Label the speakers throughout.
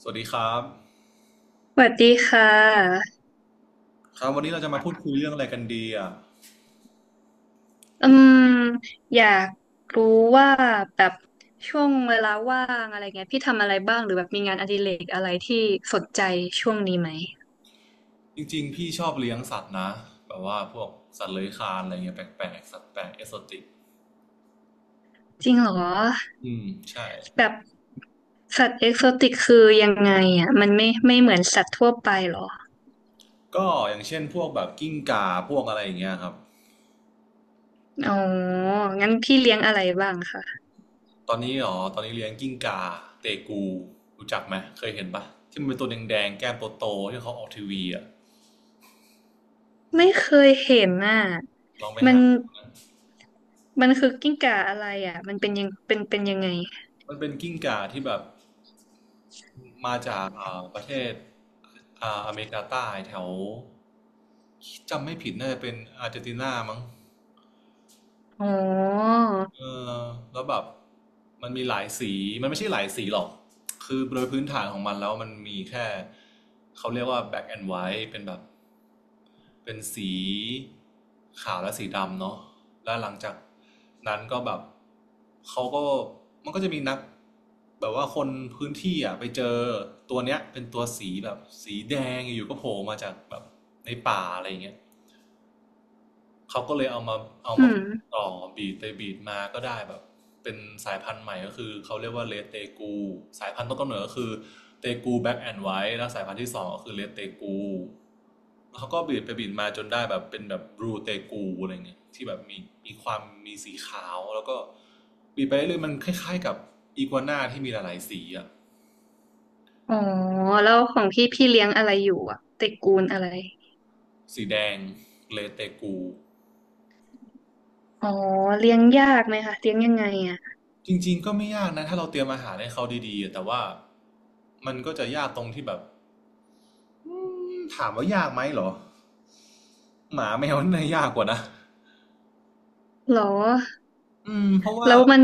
Speaker 1: สวัสดีครับ
Speaker 2: สวัสดีค่ะ
Speaker 1: ครับวันนี้เราจะมาพูดคุยเรื่องอะไรกันดีอ่ะ
Speaker 2: อืมอยากรู้ว่าแบบช่วงเวลาว่างอะไรเงี้ยพี่ทำอะไรบ้างหรือแบบมีงานอดิเรกอะไรที่สนใจช่วงนี้ไหม
Speaker 1: จริงๆพี่ชอบเลี้ยงสัตว์นะแบบว่าพวกสัตว์เลื้อยคลานอะไรเงี้ยแปลกๆสัตว์แปลกเอโซติก
Speaker 2: จริงเหรอ
Speaker 1: อืมใช่
Speaker 2: แบบสัตว์เอกโซติกคือยังไงอ่ะมันไม่เหมือนสัตว์ทั่วไปเหรอ
Speaker 1: ก็อย่างเช่นพวกแบบกิ้งก่าพวกอะไรอย่างเงี้ยครับ
Speaker 2: อ๋องั้นพี่เลี้ยงอะไรบ้างคะ
Speaker 1: ตอนนี้อ๋อตอนนี้เลี้ยงกิ้งก่าเตกูรู้จักไหมเคยเห็นปะที่มันเป็นตัวแดงๆแก้มโตๆที่เขาออกทีวีอ่ะ
Speaker 2: ไม่เคยเห็นน่ะ
Speaker 1: ลองไป
Speaker 2: มัน
Speaker 1: หา
Speaker 2: มันคือกิ้งก่าอะไรอ่ะมันเป็นยังเป็นยังไง
Speaker 1: มันเป็นกิ้งก่าที่แบบมาจากประเทศอเมริกาใต้แถวจำไม่ผิดน่าจะเป็นอาร์เจนตินามั้ง
Speaker 2: อ๋อ
Speaker 1: เออแล้วแบบมันมีหลายสีมันไม่ใช่หลายสีหรอกคือโดยพื้นฐานของมันแล้วมันมีแค่เขาเรียกว่า black and white เป็นแบบ เป็นสีขาวและสีดำเนาะแล้วหลังจากนั้นก็แบบเขาก็มันก็จะมีนักแบบว่าคนพื้นที่อ่ะไปเจอตัวเนี้ยเป็นตัวสีแบบสีแดงอยู่ก็โผล่มาจากแบบในป่าอะไรอย่างเงี้ย เขาก็เลยเอามาเอา
Speaker 2: อื
Speaker 1: มา
Speaker 2: ม
Speaker 1: ต่อบีดไปบีดมาก็ได้แบบเป็นสายพันธุ์ใหม่ก็คือเขาเรียกว่าเลเตกูสายพันธุ์ต้นกำเนิดก็คือเตกูแบ็กแอนด์ไวท์แล้วสายพันธุ์ที่สองก็คือเลเตกูเขาก็บีดไปบีดมาจนได้แบบเป็นแบบบลูเตกูอะไรเงี้ยที่แบบมีมีความมีสีขาวแล้วก็บีดไปเรื่อยมันคล้ายๆกับอีกัวน่าที่มีหลายๆสีอะ
Speaker 2: อ๋อแล้วของพี่พี่เลี้ยงอะไรอยู่อ่ะตระกูลอะไร
Speaker 1: สีแดงเลเตกู
Speaker 2: อ๋อเลี้ยงยากไหมคะเลี้ยงยังไงอ่ะ
Speaker 1: จริงๆก็ไม่ยากนะถ้าเราเตรียมอาหารให้เขาดีๆแต่ว่ามันก็จะยากตรงที่แบบ อืถามว่ายากไหมเหรอหมาแมวน่ายากกว่านะ
Speaker 2: หรอ
Speaker 1: เพราะว่า
Speaker 2: แล้วมัน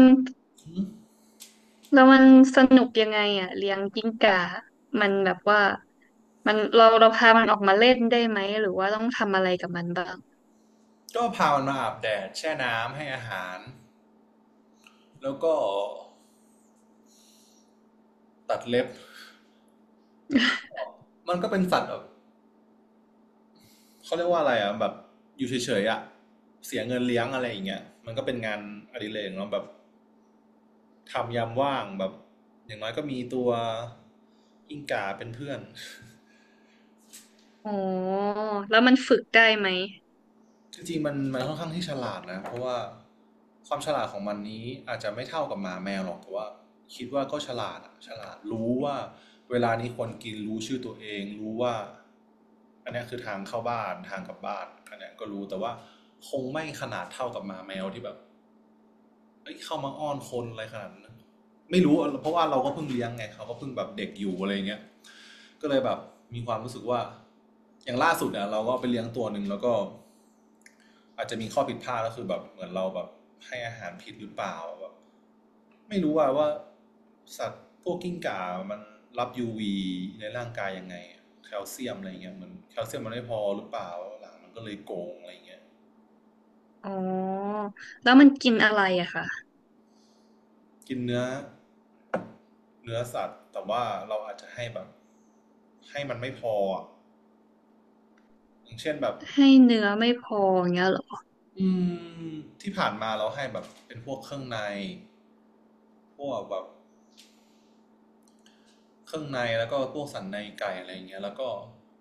Speaker 2: แล้วมันสนุกยังไงอ่ะเลี้ยงกิ้งก่ามันแบบว่ามันเราพามันออกมาเล่นได้ไหมหรือว่าต้องทำอะไรกับมันบ้าง
Speaker 1: ก็พามันมาอาบแดดแช่น้ำให้อาหารแล้วก็ตัดเล็บมันก็เป็นสัตว์แบบเขาเรียกว่าอะไรอ่ะแบบอยู่เฉยๆอ่ะเสียเงินเลี้ยงอะไรอย่างเงี้ยมันก็เป็นงานอดิเรกเนาะแบบทำยามว่างแบบอย่างน้อยก็มีตัวกิ้งก่าเป็นเพื่อน
Speaker 2: อ๋อแล้วมันฝึกได้ไหม
Speaker 1: จริงๆมันค่อนข้างที่ฉลาดนะเพราะว่าความฉลาดของมันนี้อาจจะไม่เท่ากับหมาแมวหรอกแต่ว่าคิดว่าก็ฉลาดอะฉลาดรู้ว่าเวลานี้ควรกินรู้ชื่อตัวเองรู้ว่าอันนี้คือทางเข้าบ้านทางกลับบ้านอันนี้ก็รู้แต่ว่าคงไม่ขนาดเท่ากับหมาแมวที่แบบเอ้ยเข้ามาอ้อนคนอะไรขนาดนั้นไม่รู้เพราะว่าเราก็เพิ่งเลี้ยงไงเขาก็เพิ่งแบบเด็กอยู่อะไรเงี้ย ก็เลยแบบมีความรู้สึกว่าอย่างล่าสุดเนี่ยเราก็ไปเลี้ยงตัวหนึ่งแล้วก็อาจจะมีข้อผิดพลาดก็คือแบบเหมือนเราแบบให้อาหารผิดหรือเปล่าแบบไม่รู้ว่าว่าสัตว์พวกกิ้งก่ามันรับ UV ในร่างกายยังไงแคลเซียมอะไรเงี้ยเหมือนแคลเซียมมันไม่พอหรือเปล่าหลังมันก็เลยโกงอะไรเงี้ย
Speaker 2: อ๋อแล้วมันกินอะไรอะคะ
Speaker 1: กินเนื้อเนื้อสัตว์แต่ว่าเราอาจจะให้แบบให้มันไม่พออย่างเช่นแบบ
Speaker 2: ให้เนื้อไม่พออย่างเงี้ยเหรอ
Speaker 1: อืมที่ผ่านมาเราให้แบบเป็นพวกเครื่องในพวกแบบ เครื่องในแล้วก็พวกสันในไก่อะไรอย่างเงี้ยแล้วก็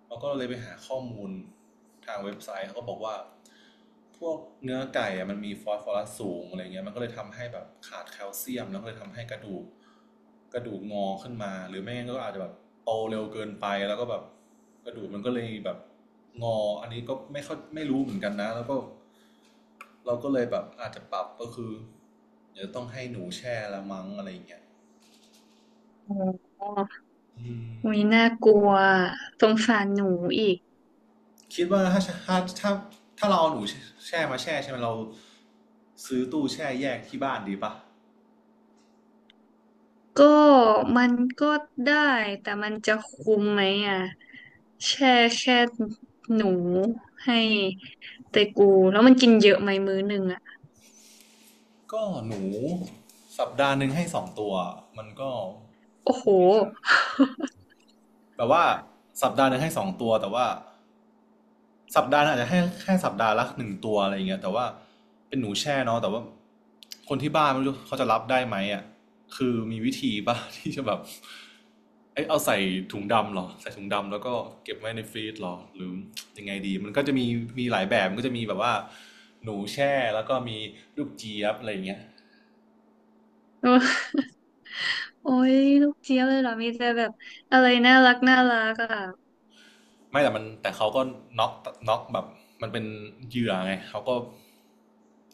Speaker 1: เราก็เลยไปหาข้อมูลทางเว็บไซต์เขาก็บอกว่าพวกเนื้อไก่อะมันมีฟอสฟอรัสสูงอะไรเงี้ยมันก็เลยทำให้แบบขาดแคลเซียมแล้วก็เลยทำให้กระดูกกระดูกงอขึ้นมาหรือไม่งั้นก็อาจจะแบบโตเร็วเกินไปแล้วก็แบบกระดูกมันก็เลยแบบงออันนี้ก็ไม่เข้าไม่รู้เหมือนกันนะแล้วก็เราก็เลยแบบอาจจะปรับก็คือเดี๋ยวต้องให้หนูแช่ละมั้งอะไรเงี้ย
Speaker 2: อ๋อ
Speaker 1: อืม
Speaker 2: อุ้ยน่ากลัวสงสารหนูอีก
Speaker 1: คิดว่าถ้าถ้าถ้าเราเอาหนูแช่มาแช่ใช่ไหมเราซื้อตู้แช่แยกที่บ้านดีปะ
Speaker 2: ก็มันก็ได้แต่มันจะคุ้มไหมอ่ะแช่แค่หนูให้เตกูแล้วมันกินเยอะไหมมื้อหนึ่งอ่ะ
Speaker 1: ก็หนูสัปดาห์หนึ่งให้สองตัวมันก็
Speaker 2: โอ้โห
Speaker 1: แบบว่าสัปดาห์หนึ่งให้สองตัวแต่ว่า สัปดาห์อาจจะให้แค่สัปดาห์ละหนึ่งตัวอะไรอย่างเงี้ยแต่ว่าเป็นหนูแช่เนาะแต่ว่าคนที่บ้านไม่รู้เขาจะรับได้ไหมอ่ะคือมีวิธีป่ะ ที่จะแบบเอ้ยเอาใส่ถุงดำเหรอใส่ถุงดำแล้วก็เก็บไว้ในฟรีซเหรอหรือยังไงดีมันก็จะมีมีหลายแบบมันก็จะมีแบบว่าหนูแช่แล้วก็มีลูกเจี๊ยบอะไรอย่างเงี้ย
Speaker 2: โอ้ยลูกเจี๊ยบเลยเหรอมีแต่แบบอะไรน่ารักอ่ะ
Speaker 1: ไม่แต่เขาก็น็อกน็อกแบบมันเป็นเหยื่อไงเขาก็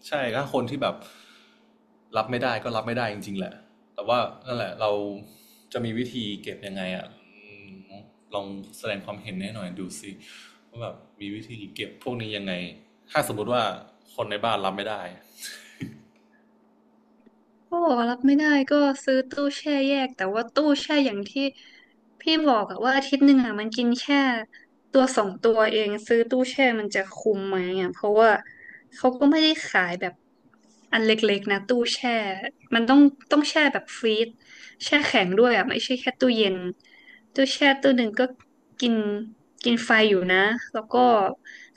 Speaker 1: ใช่ถ้าคนที่แบบรับไม่ได้ก็รับไม่ได้จริงๆแหละแต่ว่านั่นแหละเราจะมีวิธีเก็บยังไงอะืลองแสดงความเห็นให้หน่อยดูสิว่าแบบมีวิธีเก็บพวกนี้ยังไงถ้าสมมติว่าคนในบ้านรับไม่ได้
Speaker 2: เาบอกว่ารับไม่ได้ก็ซื้อตู้แช่แยกแต่ว่าตู้แช่อย่างที่พี่บอกอะว่าอาทิตย์หนึ่งอะมันกินแค่ตัวสองตัวเองซื้อตู้แช่มันจะคุ้มไหมอะเพราะว่าเขาก็ไม่ได้ขายแบบอันเล็กๆนะตู้แช่มันต้องแช่แบบฟรีซแช่แข็งด้วยอะไม่ใช่แค่ตู้เย็นตู้แช่ตู้หนึ่งก็กินกินไฟอยู่นะแล้วก็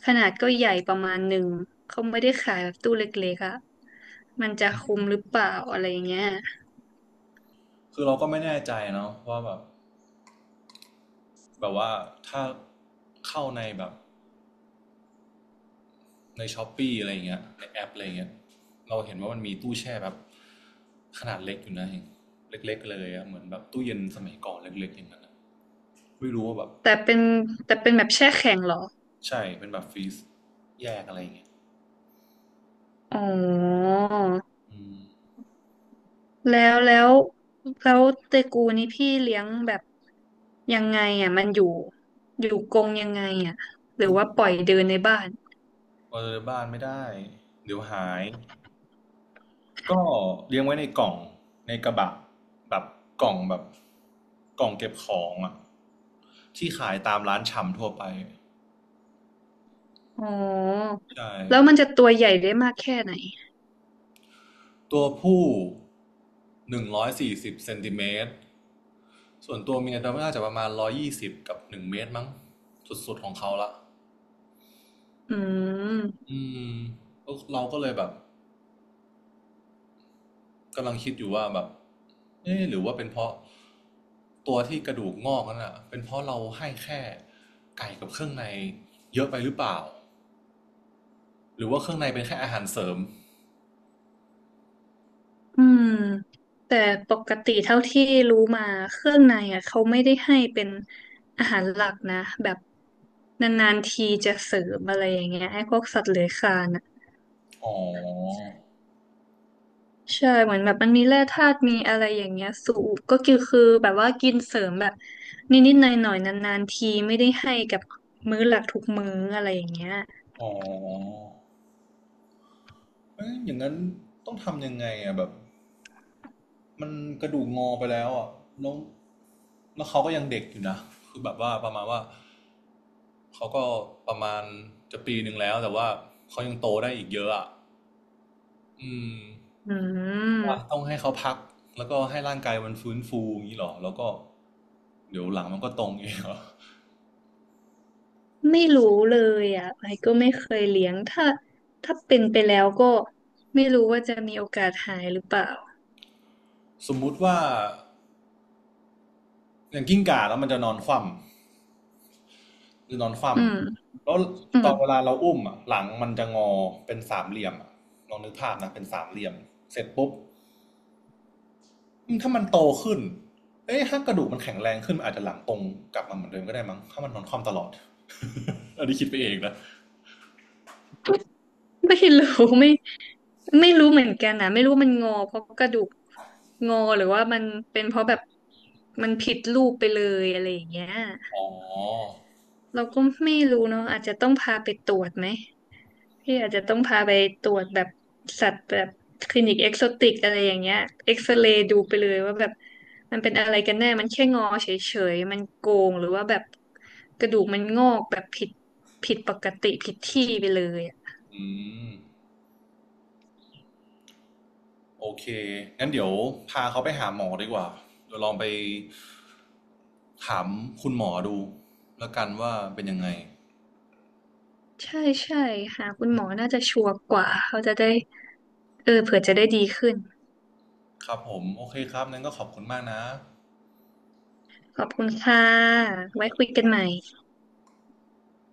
Speaker 2: ขนาดก็ใหญ่ประมาณหนึ่งเขาไม่ได้ขายแบบตู้เล็กๆอะ มันจะคุ้มหรือเปล่าอะไรเงี้ย
Speaker 1: คือเราก็ไม่แน่ใจเนาะว่าแบบว่าถ้าเข้าในแบบ ในช้อปปี้อะไรอย่างเงี้ยในแอปอะไรอย่างเงี้ยเราเห็นว่ามันมีตู้แช่แบบขนาดเล็กอยู่นะเองเล็กๆเลยอะเหมือนแบบตู้เย็นสมัยก่อนเล็กๆอย่างนั้นไม่รู้ว่าแบบ
Speaker 2: แต่เป็นแต่เป็นแบบแช่แข็งเหรอ
Speaker 1: ใช่เป็นแบบฟรีซแยกอะไรอย่างเงี้ย
Speaker 2: อ๋อ
Speaker 1: อืม
Speaker 2: แล้วแล้วแล้วเตกูนี่พี่เลี้ยงแบบยังไงอ่ะมันอยู่กรงยังไงอ่ะหรือว่าปล่อยเดินในบ้าน
Speaker 1: เปิดบ้านไม่ได้เดี๋ยวหายก็เลี้ยงไว้ในกล่องในกระบะแบบกล่องแบบกล่องเก็บของอะที่ขายตามร้านชำทั่วไป
Speaker 2: อ๋อ
Speaker 1: ใช่
Speaker 2: แล้วมันจะตัวใหญ่ได้มากแค่ไหน
Speaker 1: ตัวผู้140 เซนติเมตร ส่วนตัวเมียเดาว่น่าจะประมาณ120กับ1 เมตรมั้งสุดๆของเขาละ
Speaker 2: อืม
Speaker 1: อืมเราก็เลยแบบกำลังคิดอยู่ว่าแบบเอ๊ะหรือว่าเป็นเพราะตัวที่กระดูกงอกนั่นอ่ะเป็นเพราะเราให้แค่ไก่กับเครื่องในเยอะไปหรือเปล่าหรือว่าเครื่องในเป็นแค่อาหารเสริม
Speaker 2: อืมแต่ปกติเท่าที่รู้มาเครื่องในอ่ะเขาไม่ได้ให้เป็นอาหารหลักนะแบบนานๆทีจะเสริมอะไรอย่างเงี้ยไอ้พวกสัตว์เลื้อยคลานอ่ะ
Speaker 1: อ๋อ
Speaker 2: ใช่เหมือนแบบมันมีแร่ธาตุมีอะไรอย่างเงี้ยสูบก็คือแบบว่ากินเสริมแบบนิดๆหน่อยๆนานๆทีไม่ได้ให้กับมื้อหลักทุกมื้ออะไรอย่างเงี้ย
Speaker 1: อ๋อเอยอย่างนั้นต้องทำยังไงอ่ะแบบ มันกระดูกงอไปแล้วอ่ะแล้วแล้วเขาก็ยังเด็กอยู่นะคือแบบว่าประมาณว่าเขาก็ประมาณจะปีหนึ่งแล้วแต่ว่าเขายังโตได้อีกเยอะอ่ะอืม
Speaker 2: อื
Speaker 1: ว่า
Speaker 2: ม
Speaker 1: ต้องให้เขาพักแล้วก็ให้ร่างกายมันฟื้นฟูอย่างนี้เหรอแล้วก็เดี๋ยวหลังมันก็ตรงเองเหรอ
Speaker 2: ไม่รู้เลยอ่ะไอก็ไม่เคยเลี้ยงถ้าเป็นไปแล้วก็ไม่รู้ว่าจะมีโอกาสหายหรือเปล่า
Speaker 1: สมมุติว่าอย่างกิ้งก่าแล้วมันจะนอนคว่ำจะนอนคว่
Speaker 2: อืม
Speaker 1: ำแล้ว
Speaker 2: อื
Speaker 1: ต
Speaker 2: ม
Speaker 1: อนเวลาเราอุ้มอ่ะหลังมันจะงอเป็นสามเหลี่ยมอะลองนึกภาพนะเป็นสามเหลี่ยมเสร็จปุ๊บ ถ้ามันโตขึ้น เอ้ยถ้ากระดูกมันแข็งแรงขึ้นอาจจะหลังตรงกลับมาเหมือนเดิมก็ได้มั้ง ถ้ามันนอนคว่ำตลอด อันนี้คิดไปเองนะ
Speaker 2: ไม่รู้ ไม่ไม่รู้เหมือนกันนะไม่รู้มันงอเพราะกระดูกงอหรือว่ามันเป็นเพราะแบบมันผิดรูปไปเลยอะไรอย่างเงี้ย
Speaker 1: อ๋อ
Speaker 2: เราก็ไม่รู้เนาะอาจจะต้องพาไปตรวจไหม พี่อาจจะต้องพาไปตรวจแบบสัตว์แบบคลินิกเอ็กโซติกอะไรอย่างเงี้ยเอ็กซเรย์ดูไปเลยว่าแบบมันเป็นอะไรกันแน่มันแค่งอเฉยๆมันโกงหรือว่าแบบกระดูกมันงอกแบบผิดปกติผิดที่ไปเลยอะ
Speaker 1: อืมโอเคงั้นเดี๋ยวพาเขาไปหาหมอดีกว่าเดี๋ยวลองไปถามคุณหมอดูแล้วกันว่าเป็นยังไง
Speaker 2: ใช่ใช่หาคุณหมอน่าจะชัวร์กว่าเขาจะได้เออเผื่อจะได้ดีขึ้น
Speaker 1: ครับผม โอเคครับนั้นก็ขอบคุณมากนะ
Speaker 2: ขอบคุณค่ะไว้คุยกันใหม่